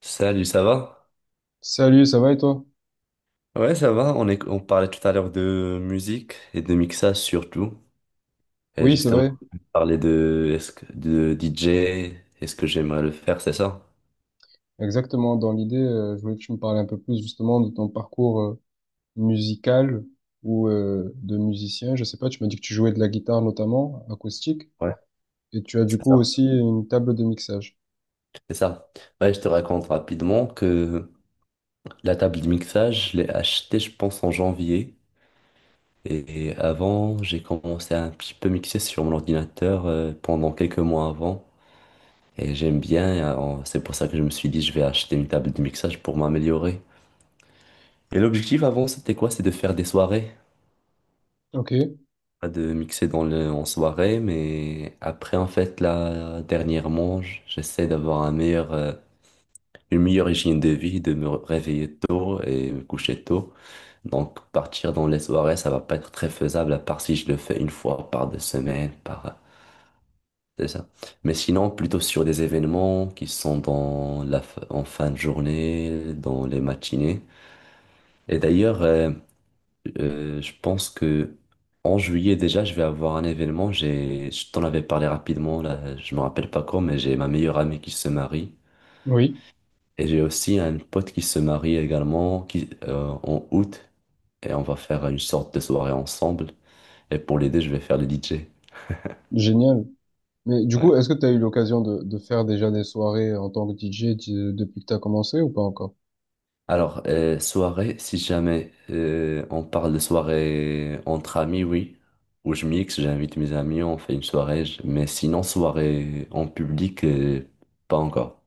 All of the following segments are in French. Salut, ça va? Salut, ça va et toi? Ouais, ça va. On parlait tout à l'heure de musique et de mixage surtout. Et Oui, c'est justement, vrai. on parlait de, de DJ, est-ce que j'aimerais le faire, c'est ça? Exactement. Dans l'idée, je voulais que tu me parles un peu plus justement de ton parcours musical ou de musicien. Je sais pas, tu m'as dit que tu jouais de la guitare notamment, acoustique, Ouais, et tu as du c'est coup ça. aussi une table de mixage. C'est ça. Ouais, je te raconte rapidement que la table de mixage, je l'ai achetée, je pense, en janvier. Et avant, j'ai commencé à un petit peu mixer sur mon ordinateur pendant quelques mois avant. Et j'aime bien, et, c'est pour ça que je me suis dit, je vais acheter une table de mixage pour m'améliorer. Et l'objectif avant, c'était quoi? C'est de faire des soirées, Ok. pas de mixer dans le, en soirée, mais après, en fait, là, dernièrement, j'essaie d'avoir un meilleur, une meilleure hygiène de vie, de me réveiller tôt et me coucher tôt. Donc, partir dans les soirées, ça va pas être très faisable, à part si je le fais une fois par 2 semaines, par, c'est ça. Mais sinon, plutôt sur des événements qui sont dans la, en fin de journée, dans les matinées. Et d'ailleurs, je pense que en juillet déjà, je vais avoir un événement. J'ai, je t'en avais parlé rapidement, là, je me rappelle pas quand, mais j'ai ma meilleure amie qui se marie. Oui. Et j'ai aussi un pote qui se marie également qui, en août. Et on va faire une sorte de soirée ensemble. Et pour les deux, je vais faire le DJ. Génial. Mais du Ouais. coup, est-ce que tu as eu l'occasion de faire déjà des soirées en tant que DJ depuis que tu as commencé ou pas encore? Alors, soirée, si jamais on parle de soirée entre amis, oui. Où je mixe, j'invite mes amis, on fait une soirée. Mais sinon, soirée en public, pas encore.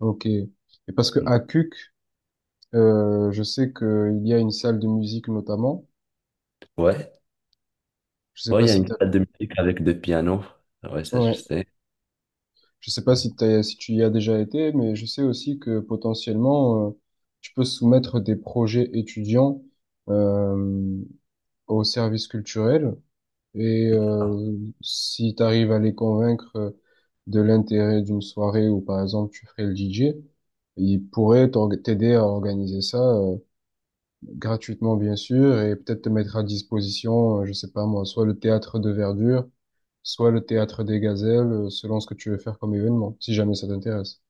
Ok. Et parce que à CUC, je sais qu'il y a une salle de musique notamment. Ouais, Je sais ouais, il pas y a si une tu. salle de musique avec 2 pianos. Ouais, ça je sais. Je sais pas si si tu y as déjà été, mais je sais aussi que potentiellement, tu peux soumettre des projets étudiants euh, au service culturel. Et si tu arrives à les convaincre de l'intérêt d'une soirée où, par exemple, tu ferais le DJ, ils pourraient t'aider à organiser ça gratuitement bien sûr, et peut-être te mettre à disposition, je sais pas moi, soit le théâtre de Verdure, soit le théâtre des Gazelles, selon ce que tu veux faire comme événement, si jamais ça t'intéresse.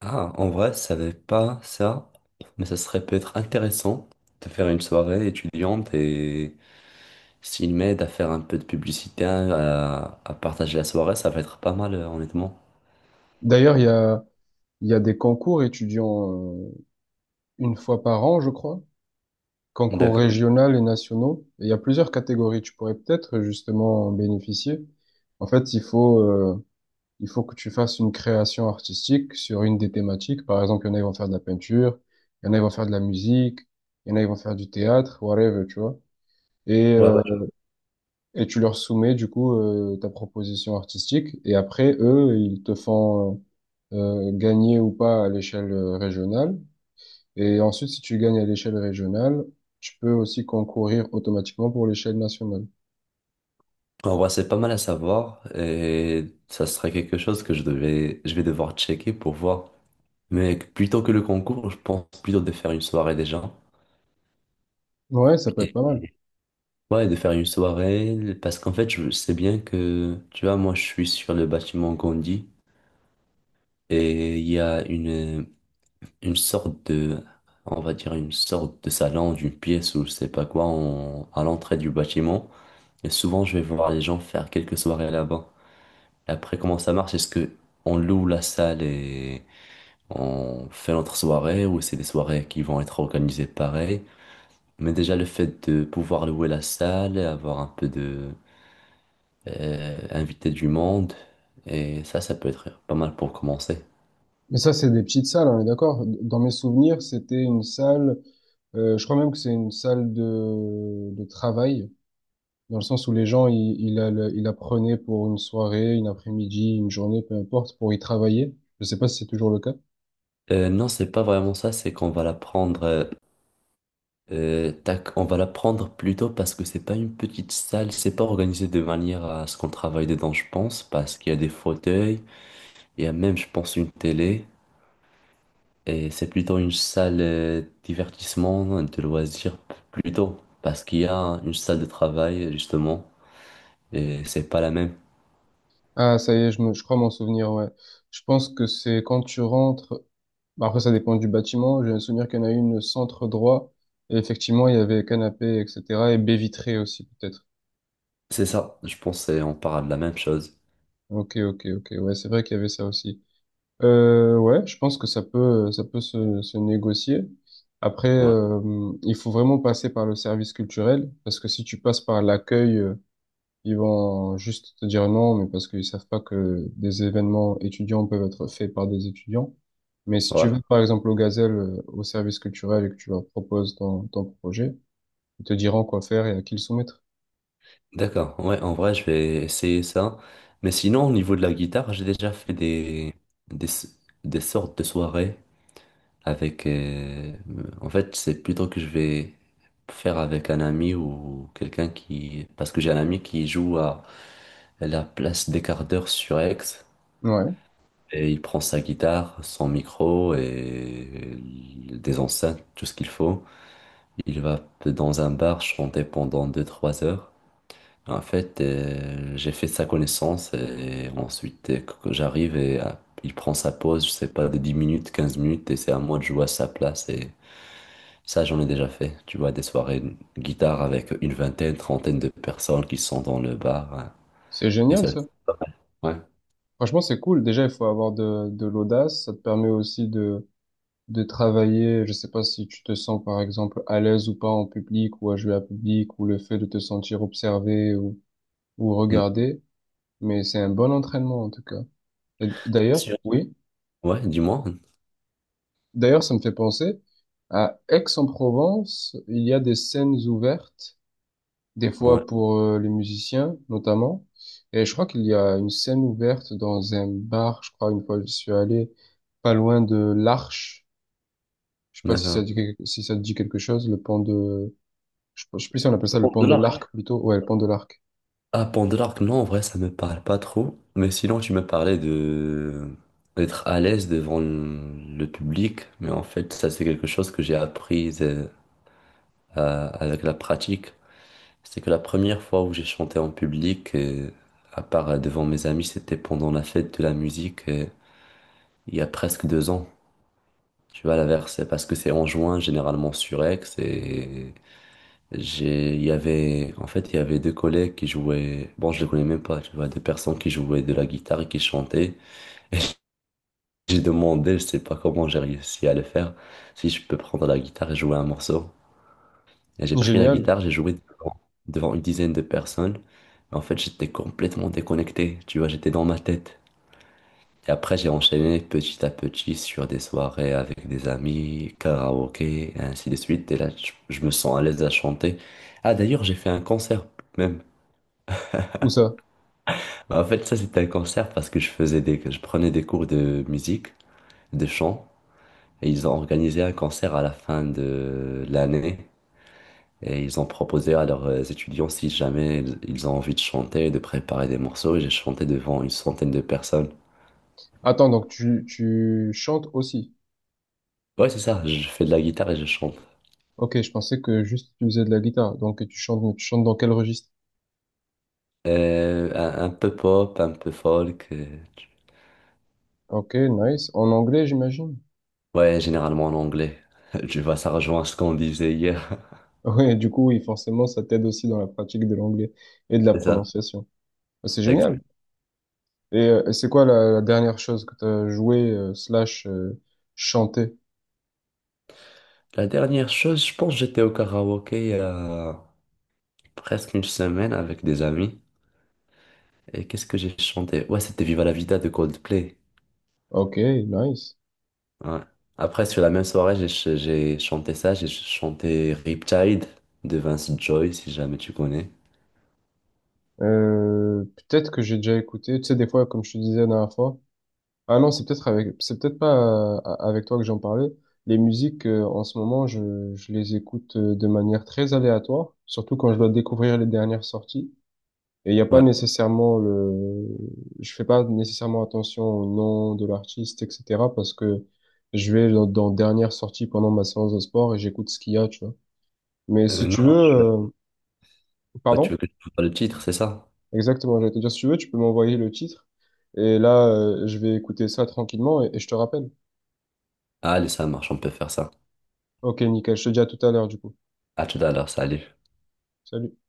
Ah, en vrai, je savais pas ça, mais ça serait peut-être intéressant de faire une soirée étudiante et s'il m'aide à faire un peu de publicité, à partager la soirée, ça va être pas mal, honnêtement. D'ailleurs, il y a des concours étudiants euh, une fois par an, je crois, concours D'accord. régional et nationaux, et il y a plusieurs catégories, tu pourrais peut-être justement en bénéficier. En fait, il faut... il faut que tu fasses une création artistique sur une des thématiques. Par exemple, il y en a, ils vont faire de la peinture, il y en a, ils vont faire de la musique, il y en a, ils vont faire du théâtre, whatever, tu vois. Et, Ouais, euh, ouais. et tu leur soumets, du coup, ta proposition artistique. Et après, eux, ils te font gagner ou pas à l'échelle régionale. Et ensuite, si tu gagnes à l'échelle régionale, tu peux aussi concourir automatiquement pour l'échelle nationale. En vrai, c'est pas mal à savoir et ça serait quelque chose que je devais, je vais devoir checker pour voir. Mais plutôt que le concours, je pense plutôt de faire une soirée déjà. Ouais, ça peut être pas mal. Ouais, de faire une soirée, parce qu'en fait, je sais bien que, tu vois, moi, je suis sur le bâtiment Gandhi, et il y a une sorte de, on va dire, une sorte de salon, d'une pièce ou je sais pas quoi, à l'entrée du bâtiment, et souvent, je vais voir les gens faire quelques soirées là-bas. Et après, comment ça marche? Est-ce que on loue la salle et on fait notre soirée, ou c'est des soirées qui vont être organisées pareil? Mais déjà, le fait de pouvoir louer la salle, avoir un peu de inviter du monde. Et ça peut être pas mal pour commencer. Mais ça, c'est des petites salles, on est d'accord. Dans mes souvenirs, c'était une salle. Je crois même que c'est une salle de travail, dans le sens où les gens, ils la prenaient pour une soirée, une après-midi, une journée, peu importe, pour y travailler. Je sais pas si c'est toujours le cas. Non, c'est pas vraiment ça, c'est qu'on va la prendre, tac, on va la prendre plutôt parce que c'est pas une petite salle, c'est pas organisé de manière à ce qu'on travaille dedans, je pense, parce qu'il y a des fauteuils, il y a même, je pense, une télé, et c'est plutôt une salle divertissement, de loisirs plutôt, parce qu'il y a une salle de travail, justement, et c'est pas la même. Ah, ça y est, je crois m'en souvenir, ouais. Je pense que c'est quand tu rentres, bah, après ça dépend du bâtiment, j'ai le souvenir qu'il y en a une centre droit, et effectivement, il y avait canapé, etc., et baie vitrée aussi, peut-être. C'est ça, je pense, on parle de la même chose. Ok, ok, ok, ouais, c'est vrai qu'il y avait ça aussi. Ouais, je pense que ça peut se négocier. Après, Ouais. Il faut vraiment passer par le service culturel, parce que si tu passes par l'accueil, ils vont juste te dire non, mais parce qu'ils savent pas que des événements étudiants peuvent être faits par des étudiants. Mais si tu Ouais. vas, par exemple, au Gazelle, au service culturel et que tu leur proposes ton projet, ils te diront quoi faire et à qui le soumettre. D'accord, ouais, en vrai, je vais essayer ça. Mais sinon, au niveau de la guitare, j'ai déjà fait des, des sortes de soirées avec... en fait, c'est plutôt que je vais faire avec un ami ou quelqu'un qui... Parce que j'ai un ami qui joue à la place des quarts d'heure sur Aix, Ouais, et il prend sa guitare, son micro et des enceintes, tout ce qu'il faut. Il va dans un bar chanter pendant 2 3 heures. En fait, j'ai fait sa connaissance et ensuite, que j'arrive et il prend sa pause, je sais pas, de 10 minutes, 15 minutes et c'est à moi de jouer à sa place. Et ça, j'en ai déjà fait. Tu vois, des soirées de guitare avec une vingtaine, trentaine de personnes qui sont dans le bar. Hein. c'est Et génial ça, ça. ouais. Franchement, c'est cool. Déjà, il faut avoir de l'audace. Ça te permet aussi de travailler, je sais pas si tu te sens par exemple à l'aise ou pas en public ou à jouer à public ou le fait de te sentir observé ou Mm. regardé, mais c'est un bon entraînement en tout cas. Et d'ailleurs, Sûr. oui, Ouais, dis-moi. d'ailleurs ça me fait penser à Aix-en-Provence, il y a des scènes ouvertes, des Ouais, fois pour les musiciens notamment, et je crois qu'il y a une scène ouverte dans un bar, je crois une fois je suis allé pas loin de l'Arche. Je sais pas si ça d'accord. dit, si ça te dit quelque chose, le pont de, je sais plus si on appelle ça le Pour pont de de l'argent. l'arc plutôt. Ouais, le pont de l'arc. Ah, Pandore, non, en vrai, ça me parle pas trop. Mais sinon, tu me parlais de d'être à l'aise devant le public. Mais en fait, ça, c'est quelque chose que j'ai appris avec la pratique. C'est que la première fois où j'ai chanté en public, à part devant mes amis, c'était pendant la fête de la musique, il y a presque 2 ans. Tu vois, la verse, parce que c'est en juin, généralement sur Aix, et j'ai, il y avait, en fait, il y avait 2 collègues qui jouaient, bon, je les connais même pas, tu vois, 2 personnes qui jouaient de la guitare et qui chantaient. J'ai demandé, je sais pas comment j'ai réussi à le faire, si je peux prendre la guitare et jouer un morceau. Et j'ai pris la Génial. guitare, j'ai joué devant, devant une dizaine de personnes. Mais en fait, j'étais complètement déconnecté, tu vois, j'étais dans ma tête. Et après, j'ai enchaîné petit à petit sur des soirées avec des amis, karaoké, et ainsi de suite. Et là, je me sens à l'aise à chanter. Ah, d'ailleurs, j'ai fait un concert même. Où ça? Bah, en fait, ça, c'était un concert parce que je faisais des, je prenais des cours de musique, de chant, et ils ont organisé un concert à la fin de l'année. Et ils ont proposé à leurs étudiants si jamais ils ont envie de chanter, de préparer des morceaux. Et j'ai chanté devant une centaine de personnes. Attends, donc tu chantes aussi. Ouais, c'est ça, je fais de la guitare et je chante. Ok, je pensais que juste tu faisais de la guitare. Donc tu chantes, mais tu chantes dans quel registre? Un peu pop, un peu folk. Tu- Ok, nice. En anglais, j'imagine. ouais, généralement en anglais. Tu vois, ça rejoint ce qu'on disait hier. Ouais, du coup, oui, forcément, ça t'aide aussi dans la pratique de l'anglais et de la C'est ça. prononciation. Bah, c'est génial. Exact. Et c'est quoi la dernière chose que t'as joué slash chanté? La dernière chose, je pense que j'étais au karaoké. Presque une semaine avec des amis. Et qu'est-ce que j'ai chanté? Ouais, c'était Viva la Vida de Coldplay. Ok, nice. Ouais. Après, sur la même soirée, j'ai chanté ça. J'ai chanté Riptide de Vince Joy, si jamais tu connais. Peut-être que j'ai déjà écouté. Tu sais, des fois, comme je te disais la dernière fois. Ah non, c'est peut-être avec, c'est peut-être pas avec toi que j'en parlais. Les musiques, en ce moment, je les écoute de manière très aléatoire, surtout quand je dois découvrir les dernières sorties. Et il n'y a pas Ouais. nécessairement le, je fais pas nécessairement attention au nom de l'artiste, etc. parce que je vais dans dernière sortie pendant ma séance de sport et j'écoute ce qu'il y a, tu vois. Mais si Non, tu veux, je suis là. Ouais, tu pardon, veux que je te fasse le titre, c'est ça? exactement, j'allais te dire, si tu veux, tu peux m'envoyer le titre. Et là, je vais écouter ça tranquillement et je te rappelle. Allez, ça marche, on peut faire ça. Ok, nickel. Je te dis à tout à l'heure, du coup. À tout à l'heure, salut. Salut.